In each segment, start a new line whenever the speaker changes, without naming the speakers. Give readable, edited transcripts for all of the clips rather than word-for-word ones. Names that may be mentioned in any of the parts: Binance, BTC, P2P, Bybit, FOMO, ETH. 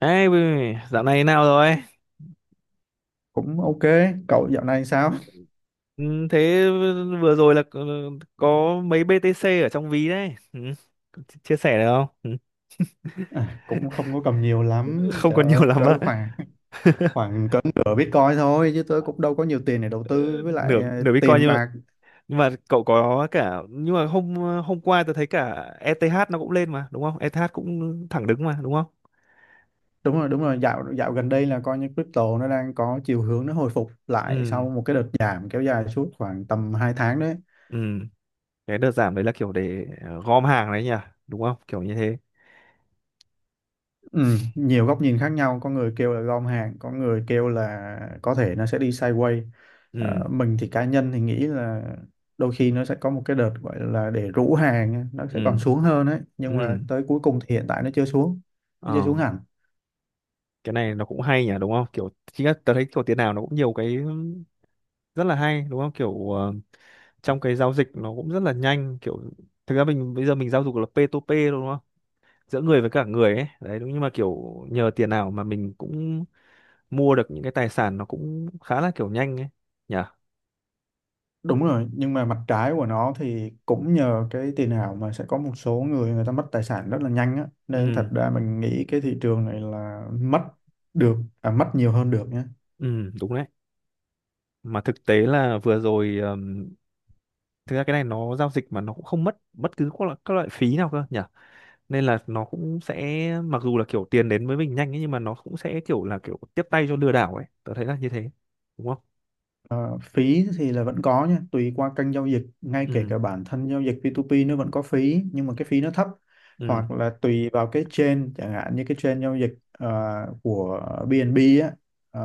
Ê, dạo này nào rồi?
Cũng ok. Cậu dạo này sao?
Ừ. Thế vừa rồi là có mấy BTC ở trong ví đấy. Ừ. Chia chia sẻ được không? Ừ.
À, cũng không có cầm nhiều lắm,
Không
trời
còn nhiều
ơi,
lắm
cỡ
á.
khoảng khoảng cỡ nửa Bitcoin thôi chứ tôi cũng đâu có nhiều tiền để đầu tư với lại
Nửa nửa Bitcoin,
tiền
nhưng mà,
bạc.
nhưng mà cậu có cả, nhưng mà hôm hôm qua tôi thấy cả ETH nó cũng lên mà, đúng không? ETH cũng thẳng đứng mà, đúng không?
Đúng rồi, đúng rồi, dạo dạo gần đây là coi như crypto nó đang có chiều hướng nó hồi phục lại
Ừ,
sau một cái đợt giảm kéo dài suốt khoảng tầm 2 tháng đấy.
ừ. Cái đợt giảm đấy là kiểu để gom hàng đấy nhỉ, đúng không? Kiểu như thế.
Ừ, nhiều góc nhìn khác nhau, có người kêu là gom hàng, có người kêu là có thể nó sẽ đi sideways.
Ừ,
Mình thì cá nhân thì nghĩ là đôi khi nó sẽ có một cái đợt gọi là để rũ hàng á, nó sẽ còn
ừ,
xuống hơn ấy nhưng mà
ừ.
tới cuối cùng thì hiện tại nó chưa xuống, nó chưa
Ờ.
xuống hẳn.
Cái này nó cũng hay nhỉ, đúng không? Kiểu chính là tớ thấy kiểu tiền nào nó cũng nhiều cái rất là hay, đúng không? Kiểu trong cái giao dịch nó cũng rất là nhanh. Kiểu thực ra mình bây giờ mình giao dịch là P2P, đúng không? Giữa người với cả người ấy đấy, đúng. Nhưng mà kiểu nhờ tiền nào mà mình cũng mua được những cái tài sản, nó cũng khá là kiểu nhanh ấy nhỉ.
Đúng rồi, nhưng mà mặt trái của nó thì cũng nhờ cái tiền ảo mà sẽ có một số người người ta mất tài sản rất là nhanh á, nên
Ừ,
thật ra mình nghĩ cái thị trường này là mất nhiều hơn được nhé.
ừ, đúng đấy. Mà thực tế là vừa rồi thực ra cái này nó giao dịch mà nó cũng không mất bất cứ các loại phí nào cơ nhỉ. Nên là nó cũng sẽ, mặc dù là kiểu tiền đến với mình nhanh ấy, nhưng mà nó cũng sẽ kiểu là kiểu tiếp tay cho lừa đảo ấy, tớ thấy là như thế, đúng không?
Ờ, Phí thì là vẫn có nha, tùy qua kênh giao dịch, ngay kể
Ừ,
cả bản thân giao dịch P2P nó vẫn có phí, nhưng mà cái phí nó thấp,
ừ,
hoặc là tùy vào cái chain, chẳng hạn như cái chain giao dịch của BNB á, ờ,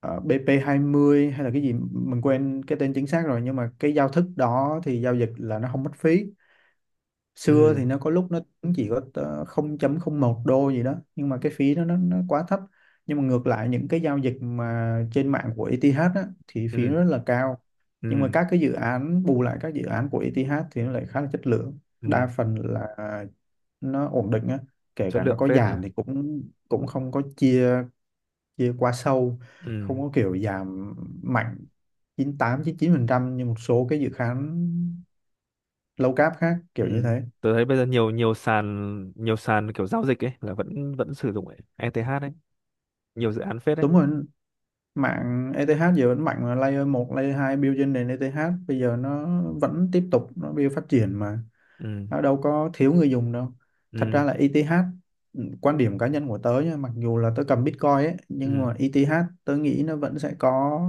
ờ, BP20 hay là cái gì mình quên cái tên chính xác rồi, nhưng mà cái giao thức đó thì giao dịch là nó không mất phí.
ừ,
Xưa thì nó có lúc nó cũng chỉ có 0,01 đô gì đó nhưng mà cái phí nó quá thấp. Nhưng mà ngược lại những cái giao dịch mà trên mạng của ETH á, thì phí
ừ,
nó rất là cao. Nhưng mà
ừ,
các cái dự án bù lại, các dự án của ETH thì nó lại khá là chất lượng, đa
ừ.
phần là nó ổn định á, kể
Chất
cả nó
lượng
có
phết nhỉ.
giảm thì cũng cũng không có chia chia quá sâu, không
Ừ,
có kiểu giảm mạnh 98 99 phần trăm như một số cái dự án low cap khác kiểu như
ừ.
thế.
Tớ thấy bây giờ nhiều nhiều sàn kiểu giao dịch ấy là vẫn vẫn sử dụng ETH ấy, nhiều dự án phết đấy.
Đúng rồi, mạng ETH giờ vẫn mạnh mà, layer một layer 2 build trên nền ETH bây giờ nó vẫn tiếp tục nó build phát triển mà,
Ừ,
nó đâu có thiếu người dùng đâu. Thật ra
ừ,
là ETH, ừ, quan điểm cá nhân của tớ nha, mặc dù là tớ cầm Bitcoin ấy nhưng
ừ,
mà ETH tớ nghĩ nó vẫn sẽ có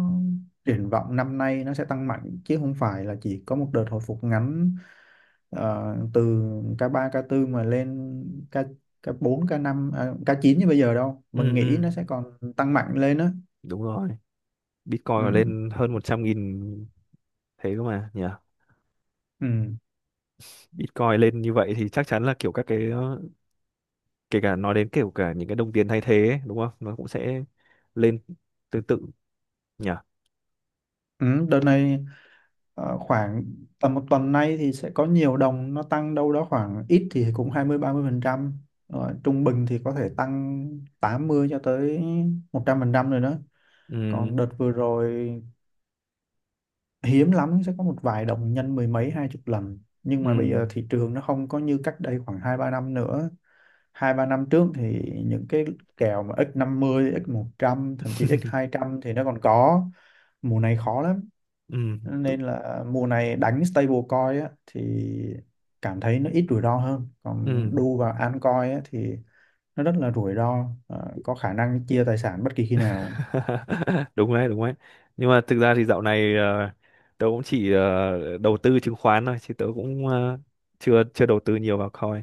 triển vọng năm nay, nó sẽ tăng mạnh chứ không phải là chỉ có một đợt hồi phục ngắn. Từ ca ba ca tư mà lên ca ca bốn ca năm à, K9 như bây giờ đâu, mình
ừ,
nghĩ nó
ừ,
sẽ còn tăng mạnh lên á.
đúng rồi. Bitcoin mà
Ừ.
lên hơn 100.000 thế cơ mà nhỉ.
Ừ.
Bitcoin lên như vậy thì chắc chắn là kiểu các cái, kể cả nói đến kiểu cả những cái đồng tiền thay thế ấy, đúng không, nó cũng sẽ lên tương tự nhỉ.
Ừ. Đợt này khoảng tầm một tuần nay thì sẽ có nhiều đồng nó tăng đâu đó, khoảng ít thì cũng 20 30% rồi, trung bình thì có thể tăng 80 cho tới 100% rồi đó. Còn
Ừ,
đợt vừa rồi hiếm lắm sẽ có một vài đồng nhân mười mấy hai chục lần, nhưng
ừ,
mà bây giờ thị trường nó không có như cách đây khoảng 2 3 năm nữa. Hai ba năm trước thì những cái kèo mà x 50 x 100 thậm chí x 200 thì nó còn có, mùa này khó lắm.
ừ, tự-
Nên là mùa này đánh stablecoin á, thì cảm thấy nó ít rủi ro hơn, còn
ừ.
đu vào altcoin á, thì nó rất là rủi ro. Ờ, có khả năng chia tài sản bất kỳ khi nào.
Đúng đấy, đúng đấy. Nhưng mà thực ra thì dạo này tớ cũng chỉ đầu tư chứng khoán thôi, chứ tớ cũng ờ, chưa chưa đầu tư nhiều vào coin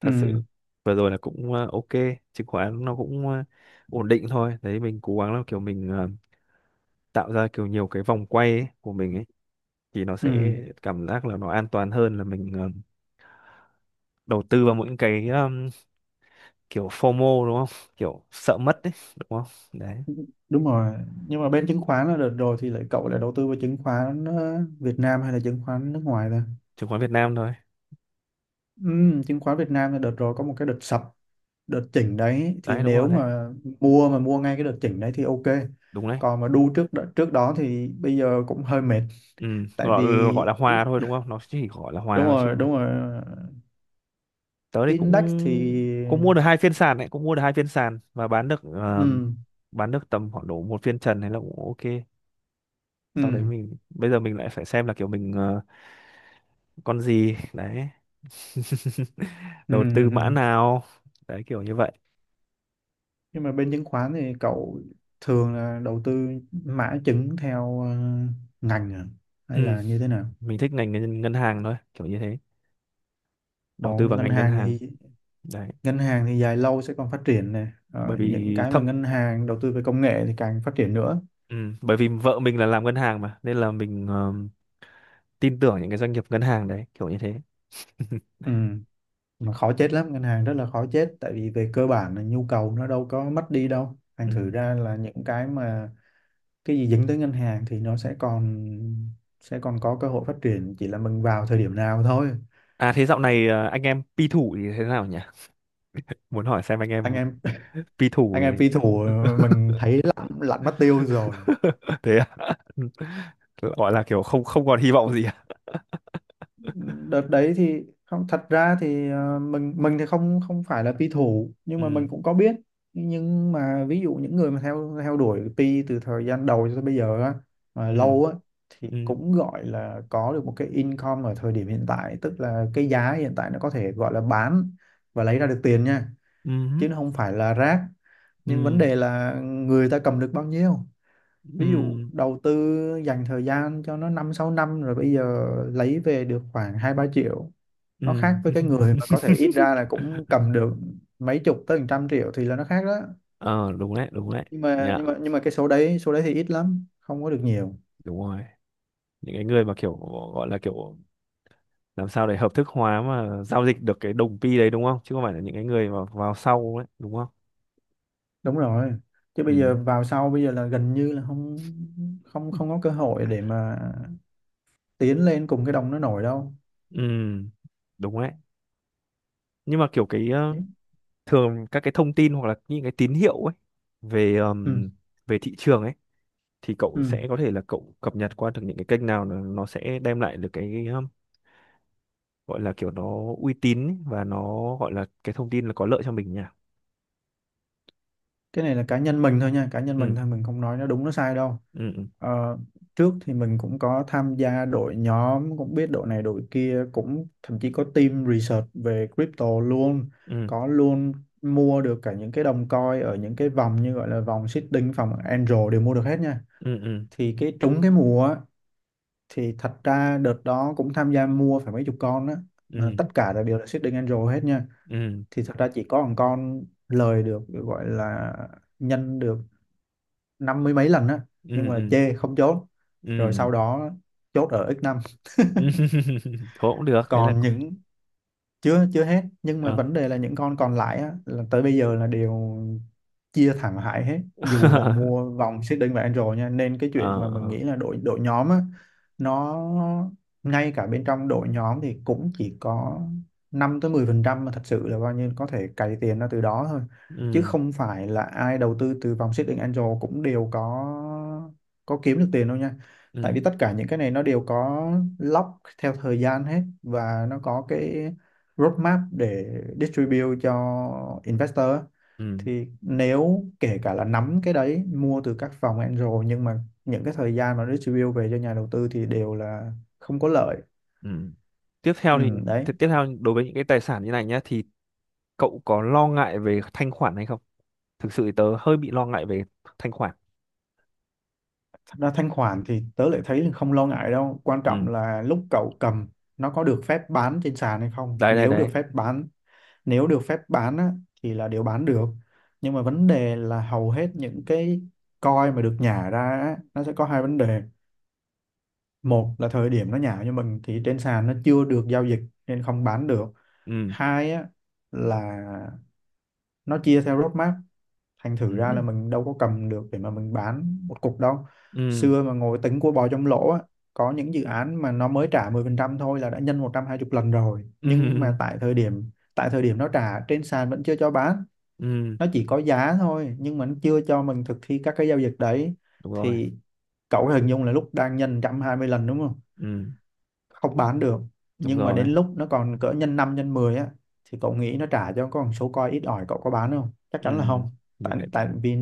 thật
Ừ,
sự. Vừa rồi là cũng ok. Chứng khoán nó cũng ổn định thôi đấy. Mình cố gắng là kiểu mình tạo ra kiểu nhiều cái vòng quay ấy, của mình ấy, thì nó
ừ,
sẽ cảm giác là nó an toàn hơn là mình đầu tư vào những cái kiểu FOMO, đúng không? Kiểu sợ mất đấy, đúng không? Đấy.
đúng rồi. Nhưng mà bên chứng khoán là đợt rồi thì lại cậu lại đầu tư vào chứng khoán Việt Nam hay là chứng khoán nước ngoài ta?
Chứng khoán Việt Nam thôi.
Ừ, chứng khoán Việt Nam là đợt rồi có một cái đợt sập, đợt chỉnh đấy thì
Đấy, đúng rồi
nếu
đấy,
mà mua ngay cái đợt chỉnh đấy thì ok,
đúng đấy.
còn mà đu trước trước đó thì bây giờ cũng hơi mệt,
Ừ.
tại
gọi,
vì.
gọi là hòa thôi, đúng không? Nó chỉ gọi là hòa
Đúng
thôi
rồi,
chứ.
đúng rồi,
Tớ thì
index
cũng
thì.
cũng mua được hai phiên sàn đấy, cũng mua được hai phiên sàn, và
Ừ,
bán được tầm khoảng độ một phiên trần hay là cũng ok. Sau đấy
ừ,
mình bây giờ mình lại phải xem là kiểu mình con gì đấy.
ừ,
Đầu tư
ừ.
mã
Ừ.
nào đấy kiểu như vậy.
Nhưng mà bên chứng khoán thì cậu thường là đầu tư mã chứng theo ngành à? Hay
Ừ.
là như thế nào?
Mình thích ngành ngân hàng thôi, kiểu như thế.
Ở
Đầu tư vào
ngân
ngành ngân
hàng thì
hàng đấy.
Ngân hàng thì dài lâu sẽ còn phát triển này.
Bởi
Ờ, những
vì
cái mà
thậm
ngân hàng đầu tư về công nghệ thì càng phát triển nữa.
Ừ, bởi vì vợ mình là làm ngân hàng mà, nên là mình tin tưởng những cái doanh nghiệp ngân hàng đấy, kiểu như thế.
Ừ. Mà khó chết lắm, ngân hàng rất là khó chết, tại vì về cơ bản là nhu cầu nó đâu có mất đi đâu, thành
Ừ.
thử ra là những cái mà cái gì dính tới ngân hàng thì nó sẽ còn có cơ hội phát triển, chỉ là mình vào thời điểm nào thôi.
À, thế dạo này anh em pi thủ thì thế nào nhỉ? Muốn hỏi xem anh
Anh
em
em
pi thủ
anh em phi
thì…
thủ mình thấy lặn lặn mất tiêu rồi.
Thế à? Gọi là kiểu không không còn hy vọng gì à?
Đợt đấy thì không, thật ra thì mình thì không không phải là pi thủ nhưng mà
Ừ,
mình cũng có biết. Nhưng mà ví dụ những người mà theo theo đuổi pi từ thời gian đầu cho tới bây giờ á, mà
ừ,
lâu á, thì
ừ,
cũng gọi là có được một cái income ở thời điểm hiện tại, tức là cái giá hiện tại nó có thể gọi là bán và lấy ra được tiền nha,
ừ,
chứ nó không phải là rác. Nhưng vấn
ừ,
đề là người ta cầm được bao nhiêu, ví dụ
ừ,
đầu tư dành thời gian cho nó 5 6 năm rồi bây giờ lấy về được khoảng 2 3 triệu, nó khác
ừ.
với cái người mà có thể ít ra là cũng cầm được mấy chục tới hàng trăm triệu thì là nó khác đó.
Ờ, đúng đấy, đúng đấy. Dạ,
Nhưng mà cái số đấy, số đấy thì ít lắm, không có được nhiều.
đúng rồi. Những cái người mà kiểu gọi là kiểu làm sao để hợp thức hóa mà giao dịch được cái đồng pi đấy, đúng không? Chứ không phải là những cái người mà vào sau ấy, đúng không?
Đúng rồi, chứ
Ừ,
bây giờ vào sau bây giờ là gần như là không không không có cơ hội để mà tiến lên cùng cái đồng nó nổi đâu.
ừ, đúng đấy. Nhưng mà kiểu cái thường các cái thông tin hoặc là những cái tín hiệu ấy về
Ừ,
về thị trường ấy, thì cậu
ừ.
sẽ có thể là cậu cập nhật qua được những cái kênh nào nó sẽ đem lại được cái gọi là kiểu nó uy tín ấy, và nó gọi là cái thông tin là có lợi cho mình nhỉ.
Cái này là cá nhân mình thôi nha, cá nhân mình
Ừ,
thôi, mình không nói nó đúng nó sai đâu.
ừ,
Ờ, Trước thì mình cũng có tham gia đội nhóm, cũng biết đội này đội kia, cũng thậm chí có team research về crypto luôn,
ừ,
có luôn. Mua được cả những cái đồng coin ở những cái vòng như gọi là vòng seeding vòng angel đều mua được hết nha.
ừ, ừ, ừ,
Thì cái trúng cái mùa á, thì thật ra đợt đó cũng tham gia mua phải mấy chục con á, mà
ừ,
tất cả là đều là seeding angel hết nha.
ừ,
Thì thật ra chỉ có một con lời được, gọi là nhân được 50 mấy lần á, nhưng
ừ,
mà
ừ,
chê không chốt, rồi
ừ,
sau đó chốt ở x năm.
ừ. Thôi cũng được, thế là
Còn những chưa chưa hết, nhưng mà
ờ.
vấn đề là những con còn lại á, là tới bây giờ là đều chia thẳng hại hết dù là mua vòng xích đinh và Android nha, nên cái chuyện
Ờ,
mà mình
ờ.
nghĩ là đội đội nhóm á, nó ngay cả bên trong đội nhóm thì cũng chỉ có 5 tới 10% mà thật sự là bao nhiêu có thể cày tiền ra từ đó thôi, chứ
Ừ,
không phải là ai đầu tư từ vòng xích đinh Android cũng đều có kiếm được tiền đâu nha. Tại
ừ,
vì tất cả những cái này nó đều có lock theo thời gian hết và nó có cái roadmap để distribute cho investor á,
ừ,
thì nếu kể cả là nắm cái đấy, mua từ các phòng angel, nhưng mà những cái thời gian mà distribute về cho nhà đầu tư thì đều là không có lợi.
ừ. Tiếp
Ừ,
theo thì
đấy.
thì tiếp theo đối với những cái tài sản như này nhá, thì cậu có lo ngại về thanh khoản hay không? Thực sự thì tớ hơi bị lo ngại về thanh khoản.
Thật ra thanh khoản thì tớ lại thấy là không lo ngại đâu, quan trọng
Ừ.
là lúc cậu cầm nó có được phép bán trên sàn hay không.
Đấy, đấy, đấy.
Nếu được phép bán á, thì là đều bán được. Nhưng mà vấn đề là hầu hết những cái coin mà được nhả ra á, nó sẽ có hai vấn đề. Một là thời điểm nó nhảo như mình thì trên sàn nó chưa được giao dịch, nên không bán được.
Ừ,
Hai á, là nó chia theo roadmap, thành thử ra là
ừ,
mình đâu có cầm được để mà mình bán một cục đâu.
ừ,
Xưa mà ngồi tính của bò trong lỗ á, có những dự án mà nó mới trả 10% thôi là đã nhân 120 lần rồi, nhưng
ừ,
mà tại thời điểm nó trả, trên sàn vẫn chưa cho bán,
ừ,
nó chỉ có giá thôi nhưng mà nó chưa cho mình thực thi các cái giao dịch đấy.
đúng rồi.
Thì cậu hình dung là lúc đang nhân 120 lần đúng không,
Ừ,
không bán được.
đúng
Nhưng mà đến
rồi.
lúc nó còn cỡ nhân 5 nhân 10 á thì cậu nghĩ nó trả cho con số coi ít ỏi, cậu có bán không? Chắc
Ừ,
chắn là không.
mình
Tại
lại,
Tại vì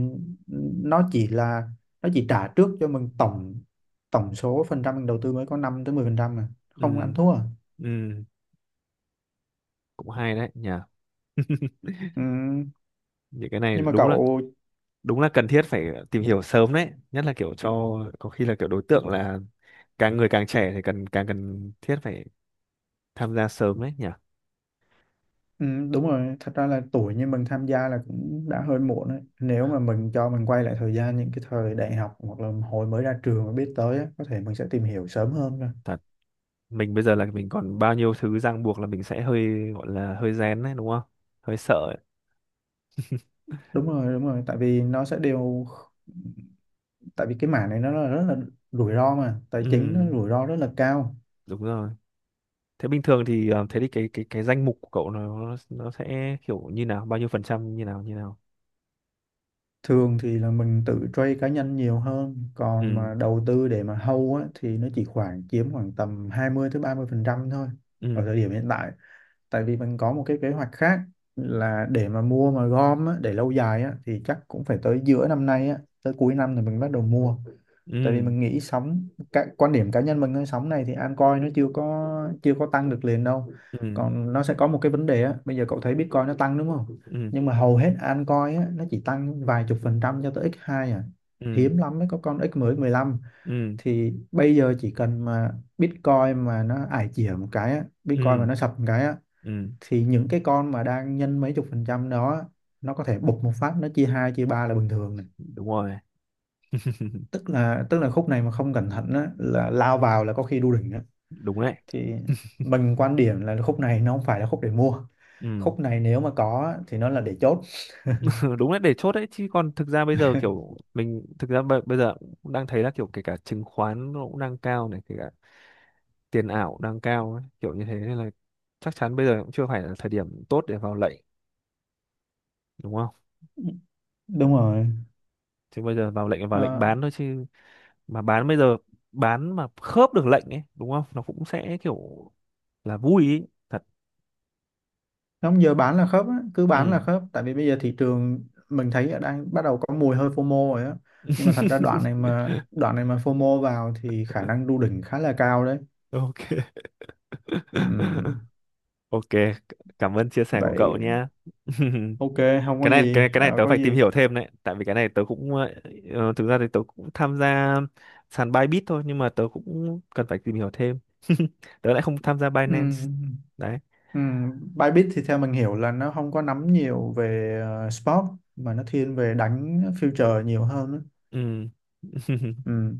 nó chỉ là nó chỉ trả trước cho mình tổng tổng số phần trăm mình đầu tư mới có 5 tới 10% mà,
ừ,
không ăn thua à.
ừ, cũng hay đấy nhỉ.
Ừ,
Những cái này
nhưng mà
đúng là,
cậu.
đúng là cần thiết phải tìm hiểu sớm đấy, nhất là kiểu cho có khi là kiểu đối tượng là càng người càng trẻ thì càng cần thiết phải tham gia sớm đấy nhỉ.
Ừ, đúng rồi, thật ra là tuổi như mình tham gia là cũng đã hơi muộn đấy, nếu mà mình cho mình quay lại thời gian những cái thời đại học hoặc là hồi mới ra trường mà biết tới á, có thể mình sẽ tìm hiểu sớm hơn.
Thật. Mình bây giờ là mình còn bao nhiêu thứ ràng buộc, là mình sẽ hơi gọi là hơi rén đấy, đúng không? Hơi sợ ấy.
Đúng rồi, đúng rồi, tại vì cái mảng này nó là rất là rủi ro, mà tài chính nó
Ừ,
rủi ro rất là cao.
đúng rồi. Thế bình thường thì thế thì cái danh mục của cậu nó sẽ kiểu như nào, bao nhiêu phần trăm như nào như nào?
Thường thì là mình tự trade cá nhân nhiều hơn, còn
Ừ,
mà đầu tư để mà hold á, thì nó chỉ khoảng chiếm khoảng tầm 20 tới 30% thôi ở
ừ,
thời điểm hiện tại. Tại vì mình có một cái kế hoạch khác là để mà mua mà gom á, để lâu dài á, thì chắc cũng phải tới giữa năm nay á, tới cuối năm thì mình bắt đầu mua. Tại vì
ừ,
mình nghĩ sóng, cái quan điểm cá nhân mình thôi, sóng này thì altcoin nó chưa có tăng được liền đâu.
ừ,
Còn nó sẽ có một cái vấn đề á, bây giờ cậu thấy Bitcoin nó tăng đúng không,
ừ,
nhưng mà hầu hết altcoin á nó chỉ tăng vài chục phần trăm cho tới x2 à,
ừ,
hiếm lắm mới có con x mười mười lăm.
ừ,
Thì bây giờ chỉ cần mà Bitcoin
ừ,
mà nó sập một cái á,
ừ,
thì những cái con mà đang nhân mấy chục phần trăm đó nó có thể bục một phát, nó chia hai chia ba là bình thường này.
đúng rồi.
Tức là khúc này mà không cẩn thận á, là lao vào là có khi đu đỉnh á.
Đúng đấy.
Thì mình quan điểm là khúc này nó không phải là khúc để mua,
Ừ.
khúc này nếu mà có á, thì nó là để chốt.
Đúng đấy, để chốt đấy, chứ còn thực ra bây giờ kiểu mình thực ra bây giờ cũng đang thấy là kiểu kể cả chứng khoán nó cũng đang cao này, kể cả tiền ảo đang cao ấy, kiểu như thế, nên là chắc chắn bây giờ cũng chưa phải là thời điểm tốt để vào lệnh, đúng không?
Đúng rồi.
Chứ bây giờ vào lệnh là vào lệnh
Ờ,
bán thôi chứ. Mà bán bây giờ, bán mà khớp được lệnh ấy, đúng không, nó cũng sẽ kiểu là vui ý, thật.
nó không, giờ bán là khớp á, cứ bán là
Ừ.
khớp, tại vì bây giờ thị trường mình thấy đang bắt đầu có mùi hơi FOMO rồi á. Nhưng mà thật ra đoạn này mà FOMO vào thì khả năng đu đỉnh khá là cao đấy.
Ok.
Ừm,
Ok, cảm ơn chia sẻ của cậu
Vậy.
nha.
Ok, không có
cái này
gì,
cái này cái này tớ
Có
phải tìm
gì.
hiểu thêm đấy, tại vì cái này tớ cũng thực ra thì tớ cũng tham gia sàn Bybit thôi, nhưng mà tớ cũng cần phải tìm hiểu thêm. Tớ lại không tham gia
Ừ,
Binance
ừ.
đấy.
Ừ, Bybit thì theo mình hiểu là nó không có nắm nhiều về sport, mà nó thiên về đánh future nhiều hơn á.
Ừ.
Ừ.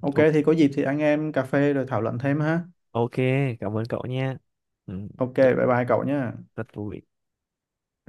Ok
Ok.
thì có dịp thì anh em cà phê rồi thảo luận thêm ha.
Ok, cảm ơn cậu nha. Ừ.
Ok,
Rất,
bye bye cậu nhé.
rất vui.